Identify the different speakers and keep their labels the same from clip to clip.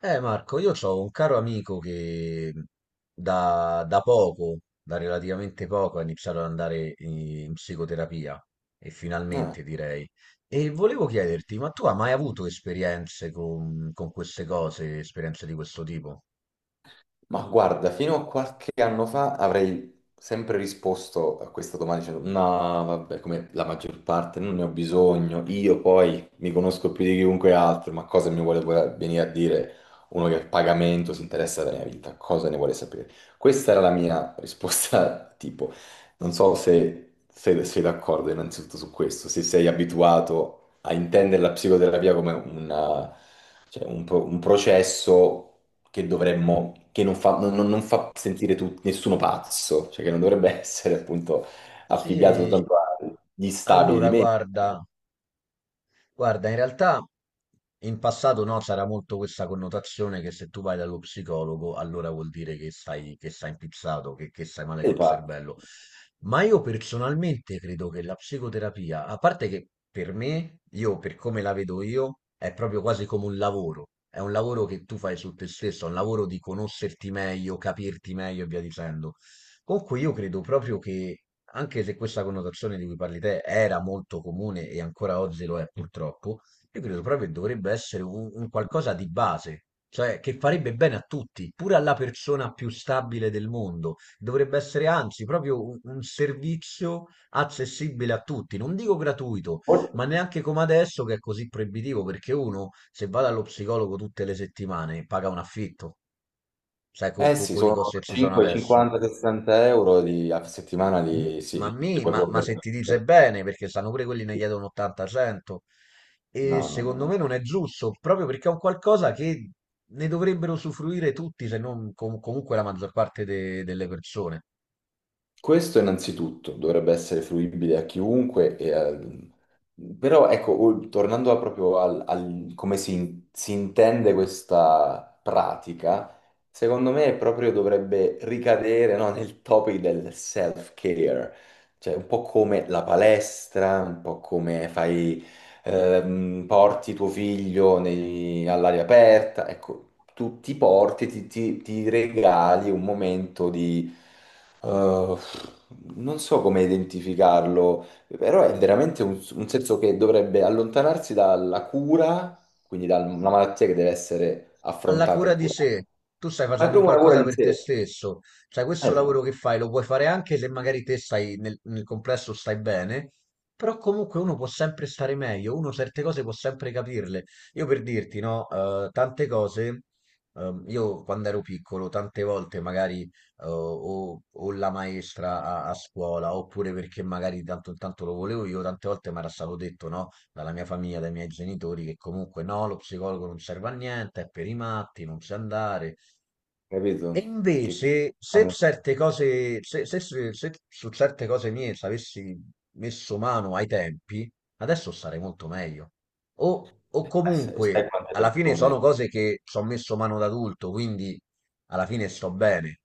Speaker 1: Marco, io ho un caro amico che da relativamente poco, ha iniziato ad andare in psicoterapia e
Speaker 2: Ah,
Speaker 1: finalmente direi. E volevo chiederti, ma tu hai mai avuto esperienze con queste cose, esperienze di questo tipo?
Speaker 2: ma guarda, fino a qualche anno fa avrei sempre risposto a questa domanda dicendo no, vabbè, come la maggior parte, non ne ho bisogno. Io poi mi conosco più di chiunque altro, ma cosa mi vuole venire a dire uno che a pagamento si interessa della mia vita, cosa ne vuole sapere? Questa era la mia risposta, tipo, non so se se sei d'accordo innanzitutto su questo, se sei abituato a intendere la psicoterapia come una... Cioè, un, un processo che dovremmo, che non fa, non fa sentire nessuno pazzo, cioè che non dovrebbe essere appunto affibbiato
Speaker 1: Sì,
Speaker 2: soltanto agli stabili di
Speaker 1: allora
Speaker 2: me.
Speaker 1: guarda, Guarda, in realtà in passato no, c'era molto questa connotazione che se tu vai dallo psicologo allora vuol dire che stai impizzato, che stai male
Speaker 2: E
Speaker 1: col
Speaker 2: pazzi.
Speaker 1: cervello. Ma io personalmente credo che la psicoterapia, a parte che per me, io per come la vedo io, è proprio quasi come un lavoro. È un lavoro che tu fai su te stesso, è un lavoro di conoscerti meglio, capirti meglio e via dicendo. Con cui io credo proprio che anche se questa connotazione di cui parli te era molto comune e ancora oggi lo è purtroppo, io credo proprio che dovrebbe essere un qualcosa di base, cioè che farebbe bene a tutti, pure alla persona più stabile del mondo. Dovrebbe essere anzi proprio un servizio accessibile a tutti, non dico gratuito, ma neanche come adesso che è così proibitivo, perché uno se va dallo psicologo tutte le settimane paga un affitto, sai,
Speaker 2: Eh sì,
Speaker 1: con i
Speaker 2: sono
Speaker 1: costi che ci sono
Speaker 2: 5,
Speaker 1: adesso.
Speaker 2: 50, 60 € a settimana
Speaker 1: Mm,
Speaker 2: di... Sì,
Speaker 1: Ma,
Speaker 2: non li
Speaker 1: mi,
Speaker 2: puoi
Speaker 1: ma, ma
Speaker 2: proprio...
Speaker 1: se ti dice
Speaker 2: perdere.
Speaker 1: bene, perché sanno pure quelli ne chiedono 80-100, e
Speaker 2: No, no, no,
Speaker 1: secondo
Speaker 2: no.
Speaker 1: me non è giusto, proprio perché è un qualcosa che ne dovrebbero usufruire tutti, se non comunque la maggior parte delle persone.
Speaker 2: Questo innanzitutto dovrebbe essere fruibile a chiunque, però ecco, tornando a proprio al, come si intende questa pratica, secondo me proprio dovrebbe ricadere, no, nel topic del self-care, cioè un po' come la palestra, un po' come fai porti tuo figlio all'aria aperta, ecco, tu ti porti, ti regali un momento di... eh, non so come identificarlo, però è veramente un senso che dovrebbe allontanarsi dalla cura, quindi da una malattia che deve essere
Speaker 1: Alla
Speaker 2: affrontata
Speaker 1: cura
Speaker 2: e
Speaker 1: di
Speaker 2: curata.
Speaker 1: sé. Tu stai
Speaker 2: Ma è
Speaker 1: facendo un
Speaker 2: proprio una cura
Speaker 1: qualcosa
Speaker 2: di
Speaker 1: per te
Speaker 2: sé.
Speaker 1: stesso, cioè questo lavoro
Speaker 2: Esatto,
Speaker 1: che fai lo puoi fare anche se magari te stai nel complesso stai bene, però comunque uno può sempre stare meglio, uno certe cose può sempre capirle. Io per dirti, no, tante cose, io quando ero piccolo, tante volte magari o la maestra a scuola, oppure perché magari tanto intanto lo volevo io, tante volte mi era stato detto, no? Dalla mia famiglia, dai miei genitori, che comunque no, lo psicologo non serve a niente, è per i matti, non sa andare, e
Speaker 2: capito? Che...
Speaker 1: invece, se certe cose, se su certe cose mie ci avessi messo mano ai tempi, adesso sarei molto meglio. O comunque,
Speaker 2: sai quante
Speaker 1: alla fine sono
Speaker 2: persone...
Speaker 1: cose che ci ho messo mano da adulto, quindi alla fine sto bene.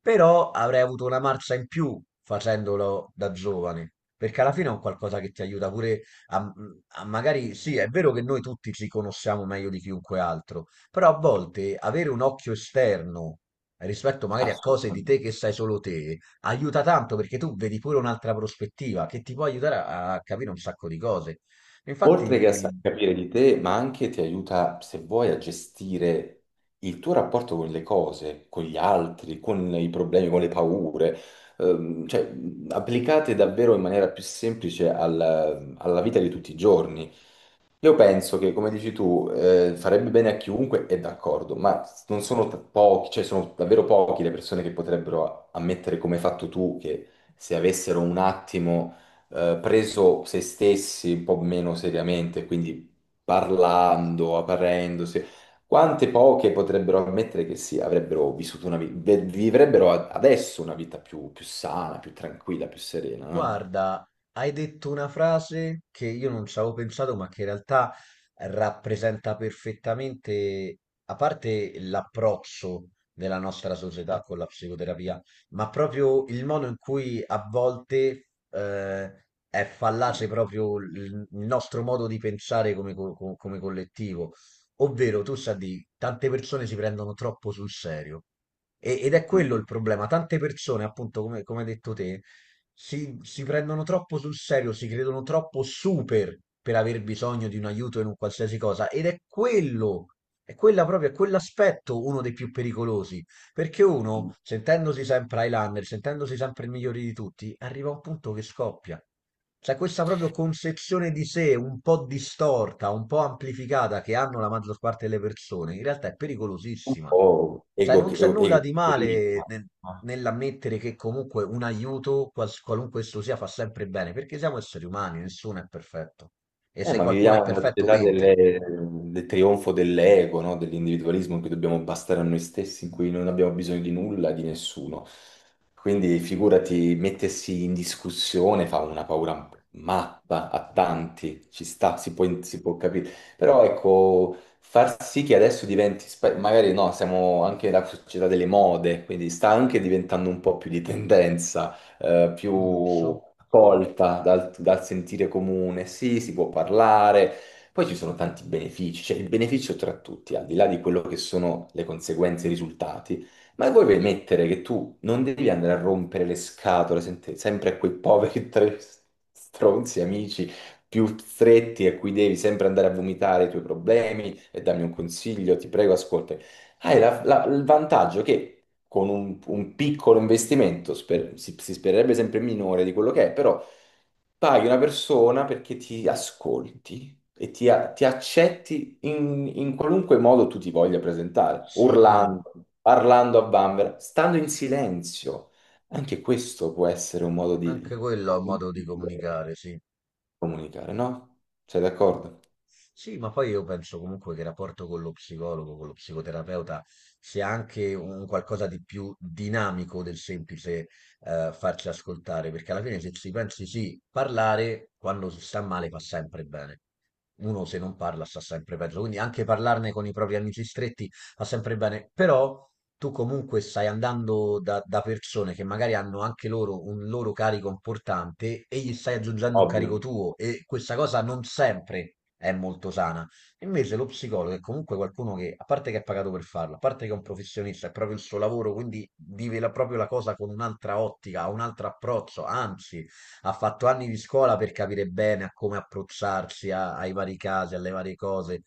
Speaker 1: Però avrei avuto una marcia in più facendolo da giovane, perché alla fine è un qualcosa che ti aiuta pure a, a magari, sì, è vero che noi tutti ci conosciamo meglio di chiunque altro, però a volte avere un occhio esterno rispetto magari a cose di te
Speaker 2: Assolutamente.
Speaker 1: che sai solo te, aiuta tanto perché tu vedi pure un'altra prospettiva che ti può aiutare a capire un sacco di cose.
Speaker 2: Oltre che a
Speaker 1: Infatti,
Speaker 2: capire di te, ma anche ti aiuta, se vuoi, a gestire il tuo rapporto con le cose, con gli altri, con i problemi, con le paure, applicate davvero in maniera più semplice alla vita di tutti i giorni. Io penso che, come dici tu, farebbe bene a chiunque, è d'accordo, ma non sono pochi, cioè sono davvero pochi le persone che potrebbero ammettere come hai fatto tu, che se avessero un attimo preso se stessi un po' meno seriamente, quindi parlando, aprendosi, quante poche potrebbero ammettere che sì, avrebbero vissuto una vita, vivrebbero adesso una vita più, più sana, più tranquilla, più serena, no?
Speaker 1: guarda, hai detto una frase che io non ci avevo pensato, ma che in realtà rappresenta perfettamente, a parte l'approccio della nostra società con la psicoterapia, ma proprio il modo in cui a volte è fallace proprio il nostro modo di pensare come, come collettivo. Ovvero, tu sai, di tante persone si prendono troppo sul serio. Ed è quello il problema. Tante persone, appunto, come hai detto te, si prendono troppo sul serio, si credono troppo super per aver bisogno di un aiuto in un qualsiasi cosa. Ed è quello, è quella proprio, è quell'aspetto uno dei più pericolosi. Perché uno,
Speaker 2: Mm.
Speaker 1: sentendosi sempre Highlander, sentendosi sempre il migliore di tutti, arriva a un punto che scoppia. C'è questa proprio concezione di sé un po' distorta, un po' amplificata che hanno la maggior parte delle persone, in realtà è
Speaker 2: Un
Speaker 1: pericolosissima.
Speaker 2: po'
Speaker 1: Cioè,
Speaker 2: ego,
Speaker 1: non c'è nulla di male
Speaker 2: egocentrismo.
Speaker 1: nell'ammettere che comunque un aiuto, qualunque esso sia, fa sempre bene, perché siamo esseri umani, nessuno è perfetto. E se
Speaker 2: Ma
Speaker 1: qualcuno è
Speaker 2: viviamo in una
Speaker 1: perfetto,
Speaker 2: società
Speaker 1: mente.
Speaker 2: del trionfo dell'ego, no? Dell'individualismo in cui dobbiamo bastare a noi stessi, in cui non abbiamo bisogno di nulla, di nessuno. Quindi figurati, mettersi in discussione fa una paura matta a tanti, ci sta, si può capire. Però ecco, far sì che adesso diventi, magari no, siamo anche la società delle mode, quindi sta anche diventando un po' più di tendenza, più
Speaker 1: Il lusso?
Speaker 2: accolta dal, dal sentire comune, sì, si può parlare. Poi ci sono tanti benefici, cioè il beneficio tra tutti, al di là di quello che sono le conseguenze e i risultati, ma vuoi permettere che tu non devi andare a rompere le scatole sempre a quei poveri tre stronzi amici più stretti a cui devi sempre andare a vomitare i tuoi problemi e dammi un consiglio, ti prego, ascolta. Hai il vantaggio che con un piccolo investimento, si spererebbe sempre minore di quello che è, però paghi una persona perché ti ascolti e ti accetti in, in qualunque modo tu ti voglia presentare,
Speaker 1: Sì,
Speaker 2: urlando, parlando a bambera, stando in silenzio. Anche questo può essere un modo di
Speaker 1: anche quello è un modo di
Speaker 2: comunicare,
Speaker 1: comunicare, sì.
Speaker 2: comunicare, no? Sei d'accordo?
Speaker 1: Sì, ma poi io penso comunque che il rapporto con lo psicologo, con lo psicoterapeuta, sia anche un qualcosa di più dinamico del semplice farci ascoltare, perché alla fine se ci pensi sì, parlare quando si sta male fa sempre bene. Uno se non parla sta sempre peggio, quindi anche parlarne con i propri amici stretti va sempre bene, però tu comunque stai andando da persone che magari hanno anche loro un loro carico importante e gli stai aggiungendo un carico
Speaker 2: Ovvio.
Speaker 1: tuo e questa cosa non sempre è molto sana. Invece lo psicologo è comunque qualcuno che, a parte che è pagato per farlo, a parte che è un professionista, è proprio il suo lavoro, quindi vive proprio la cosa con un'altra ottica, ha un altro approccio, anzi ha fatto anni di scuola per capire bene a come approcciarsi ai vari casi, alle varie cose.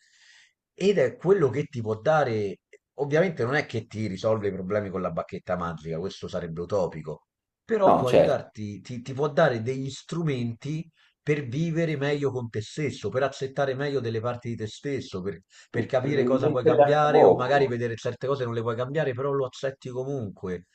Speaker 1: Ed è quello che ti può dare, ovviamente non è che ti risolve i problemi con la bacchetta magica, questo sarebbe utopico, però
Speaker 2: No,
Speaker 1: può
Speaker 2: certo,
Speaker 1: aiutarti, ti può dare degli strumenti per vivere meglio con te stesso, per accettare meglio delle parti di te stesso, per
Speaker 2: per
Speaker 1: capire cosa puoi
Speaker 2: metterla a
Speaker 1: cambiare o magari
Speaker 2: fuoco,
Speaker 1: vedere certe cose non le puoi cambiare, però lo accetti comunque.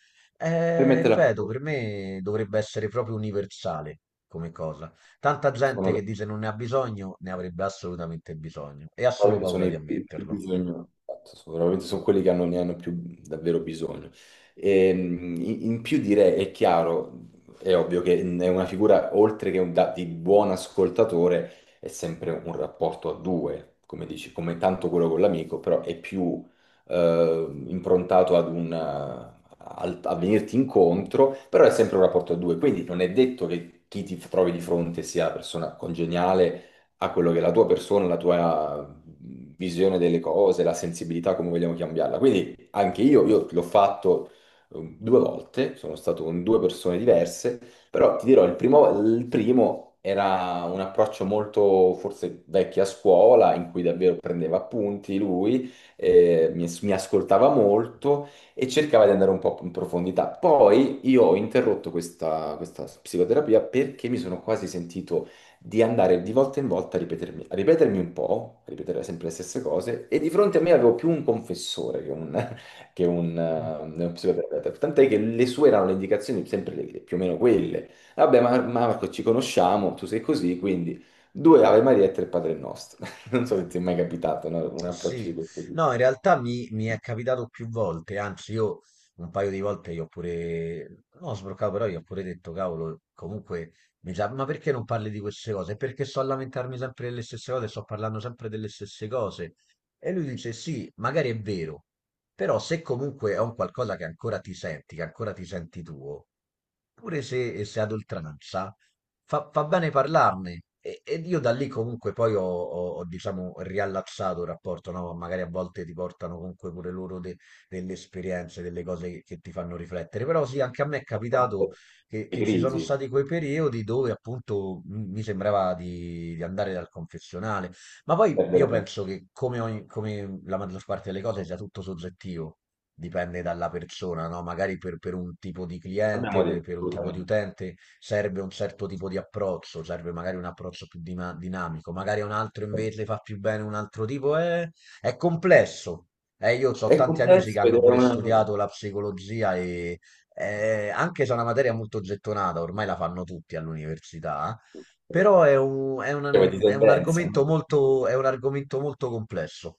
Speaker 2: per metterla a
Speaker 1: Ripeto,
Speaker 2: fuoco.
Speaker 1: per me dovrebbe essere proprio universale come cosa. Tanta gente
Speaker 2: Sono,
Speaker 1: che dice non ne ha bisogno, ne avrebbe assolutamente bisogno e ha solo
Speaker 2: sicuramente sono
Speaker 1: paura di
Speaker 2: i più
Speaker 1: ammetterlo.
Speaker 2: bisogno, esatto, veramente sono quelli che hanno, ne hanno più davvero bisogno. E, in più direi, è chiaro, è ovvio che è una figura, oltre che di buon ascoltatore, è sempre un rapporto a due, come dici, come tanto quello con l'amico, però è più improntato ad un, a venirti incontro, però è sempre un rapporto a due, quindi non è detto che chi ti trovi di fronte sia una persona congeniale a quello che è la tua persona, la tua visione delle cose, la sensibilità, come vogliamo cambiarla. Quindi anche io l'ho fatto due volte, sono stato con due persone diverse, però ti dirò, il primo era un approccio molto forse vecchio a scuola, in cui davvero prendeva appunti lui, mi ascoltava molto e cercava di andare un po' in profondità. Poi io ho interrotto questa psicoterapia perché mi sono quasi sentito di andare di volta in volta a ripetermi, a ripetere sempre le stesse cose, e di fronte a me avevo più un confessore che un, che un,
Speaker 1: Mm.
Speaker 2: uno psicoterapeuta, tant'è che le sue erano le indicazioni sempre più o meno quelle. Vabbè, ma Marco, ci conosciamo, tu sei così, quindi due Ave Maria e tre Padre Nostro. Non so se ti è mai capitato, no, un approccio di
Speaker 1: Sì,
Speaker 2: questo tipo.
Speaker 1: no, in realtà mi è capitato più volte, anzi io un paio di volte io ho pure, no, sbroccato, però io ho pure detto, cavolo, comunque, mi sa, ma perché non parli di queste cose? Perché sto a lamentarmi sempre delle stesse cose, sto parlando sempre delle stesse cose. E lui dice, sì, magari è vero. Però se comunque è un qualcosa che ancora ti senti, che ancora ti senti tuo, pure se, se ad oltranza, fa bene parlarne. Ed io da lì comunque poi diciamo, riallacciato il rapporto, no? Magari a volte ti portano comunque pure loro delle esperienze, delle cose che ti fanno riflettere. Però sì, anche a me è capitato
Speaker 2: Le
Speaker 1: che ci sono
Speaker 2: crisi,
Speaker 1: stati quei periodi dove appunto mi sembrava di andare dal confessionale. Ma poi io
Speaker 2: perdere tempo.
Speaker 1: penso che come, come la maggior parte delle cose sia tutto soggettivo, dipende dalla persona, no? Magari per un tipo di cliente,
Speaker 2: Abbiamo detto,
Speaker 1: per un tipo di
Speaker 2: assolutamente.
Speaker 1: utente serve un certo tipo di approccio, serve magari un approccio più dinamico, magari a un altro invece fa più bene un altro tipo, è complesso. Io ho
Speaker 2: È
Speaker 1: tanti amici che
Speaker 2: complesso ed
Speaker 1: hanno
Speaker 2: è
Speaker 1: pure
Speaker 2: una...
Speaker 1: studiato la psicologia e anche se è una materia molto gettonata, ormai la fanno tutti all'università però è
Speaker 2: Cioè, di
Speaker 1: è un
Speaker 2: tendenza, no?
Speaker 1: argomento è un argomento molto complesso.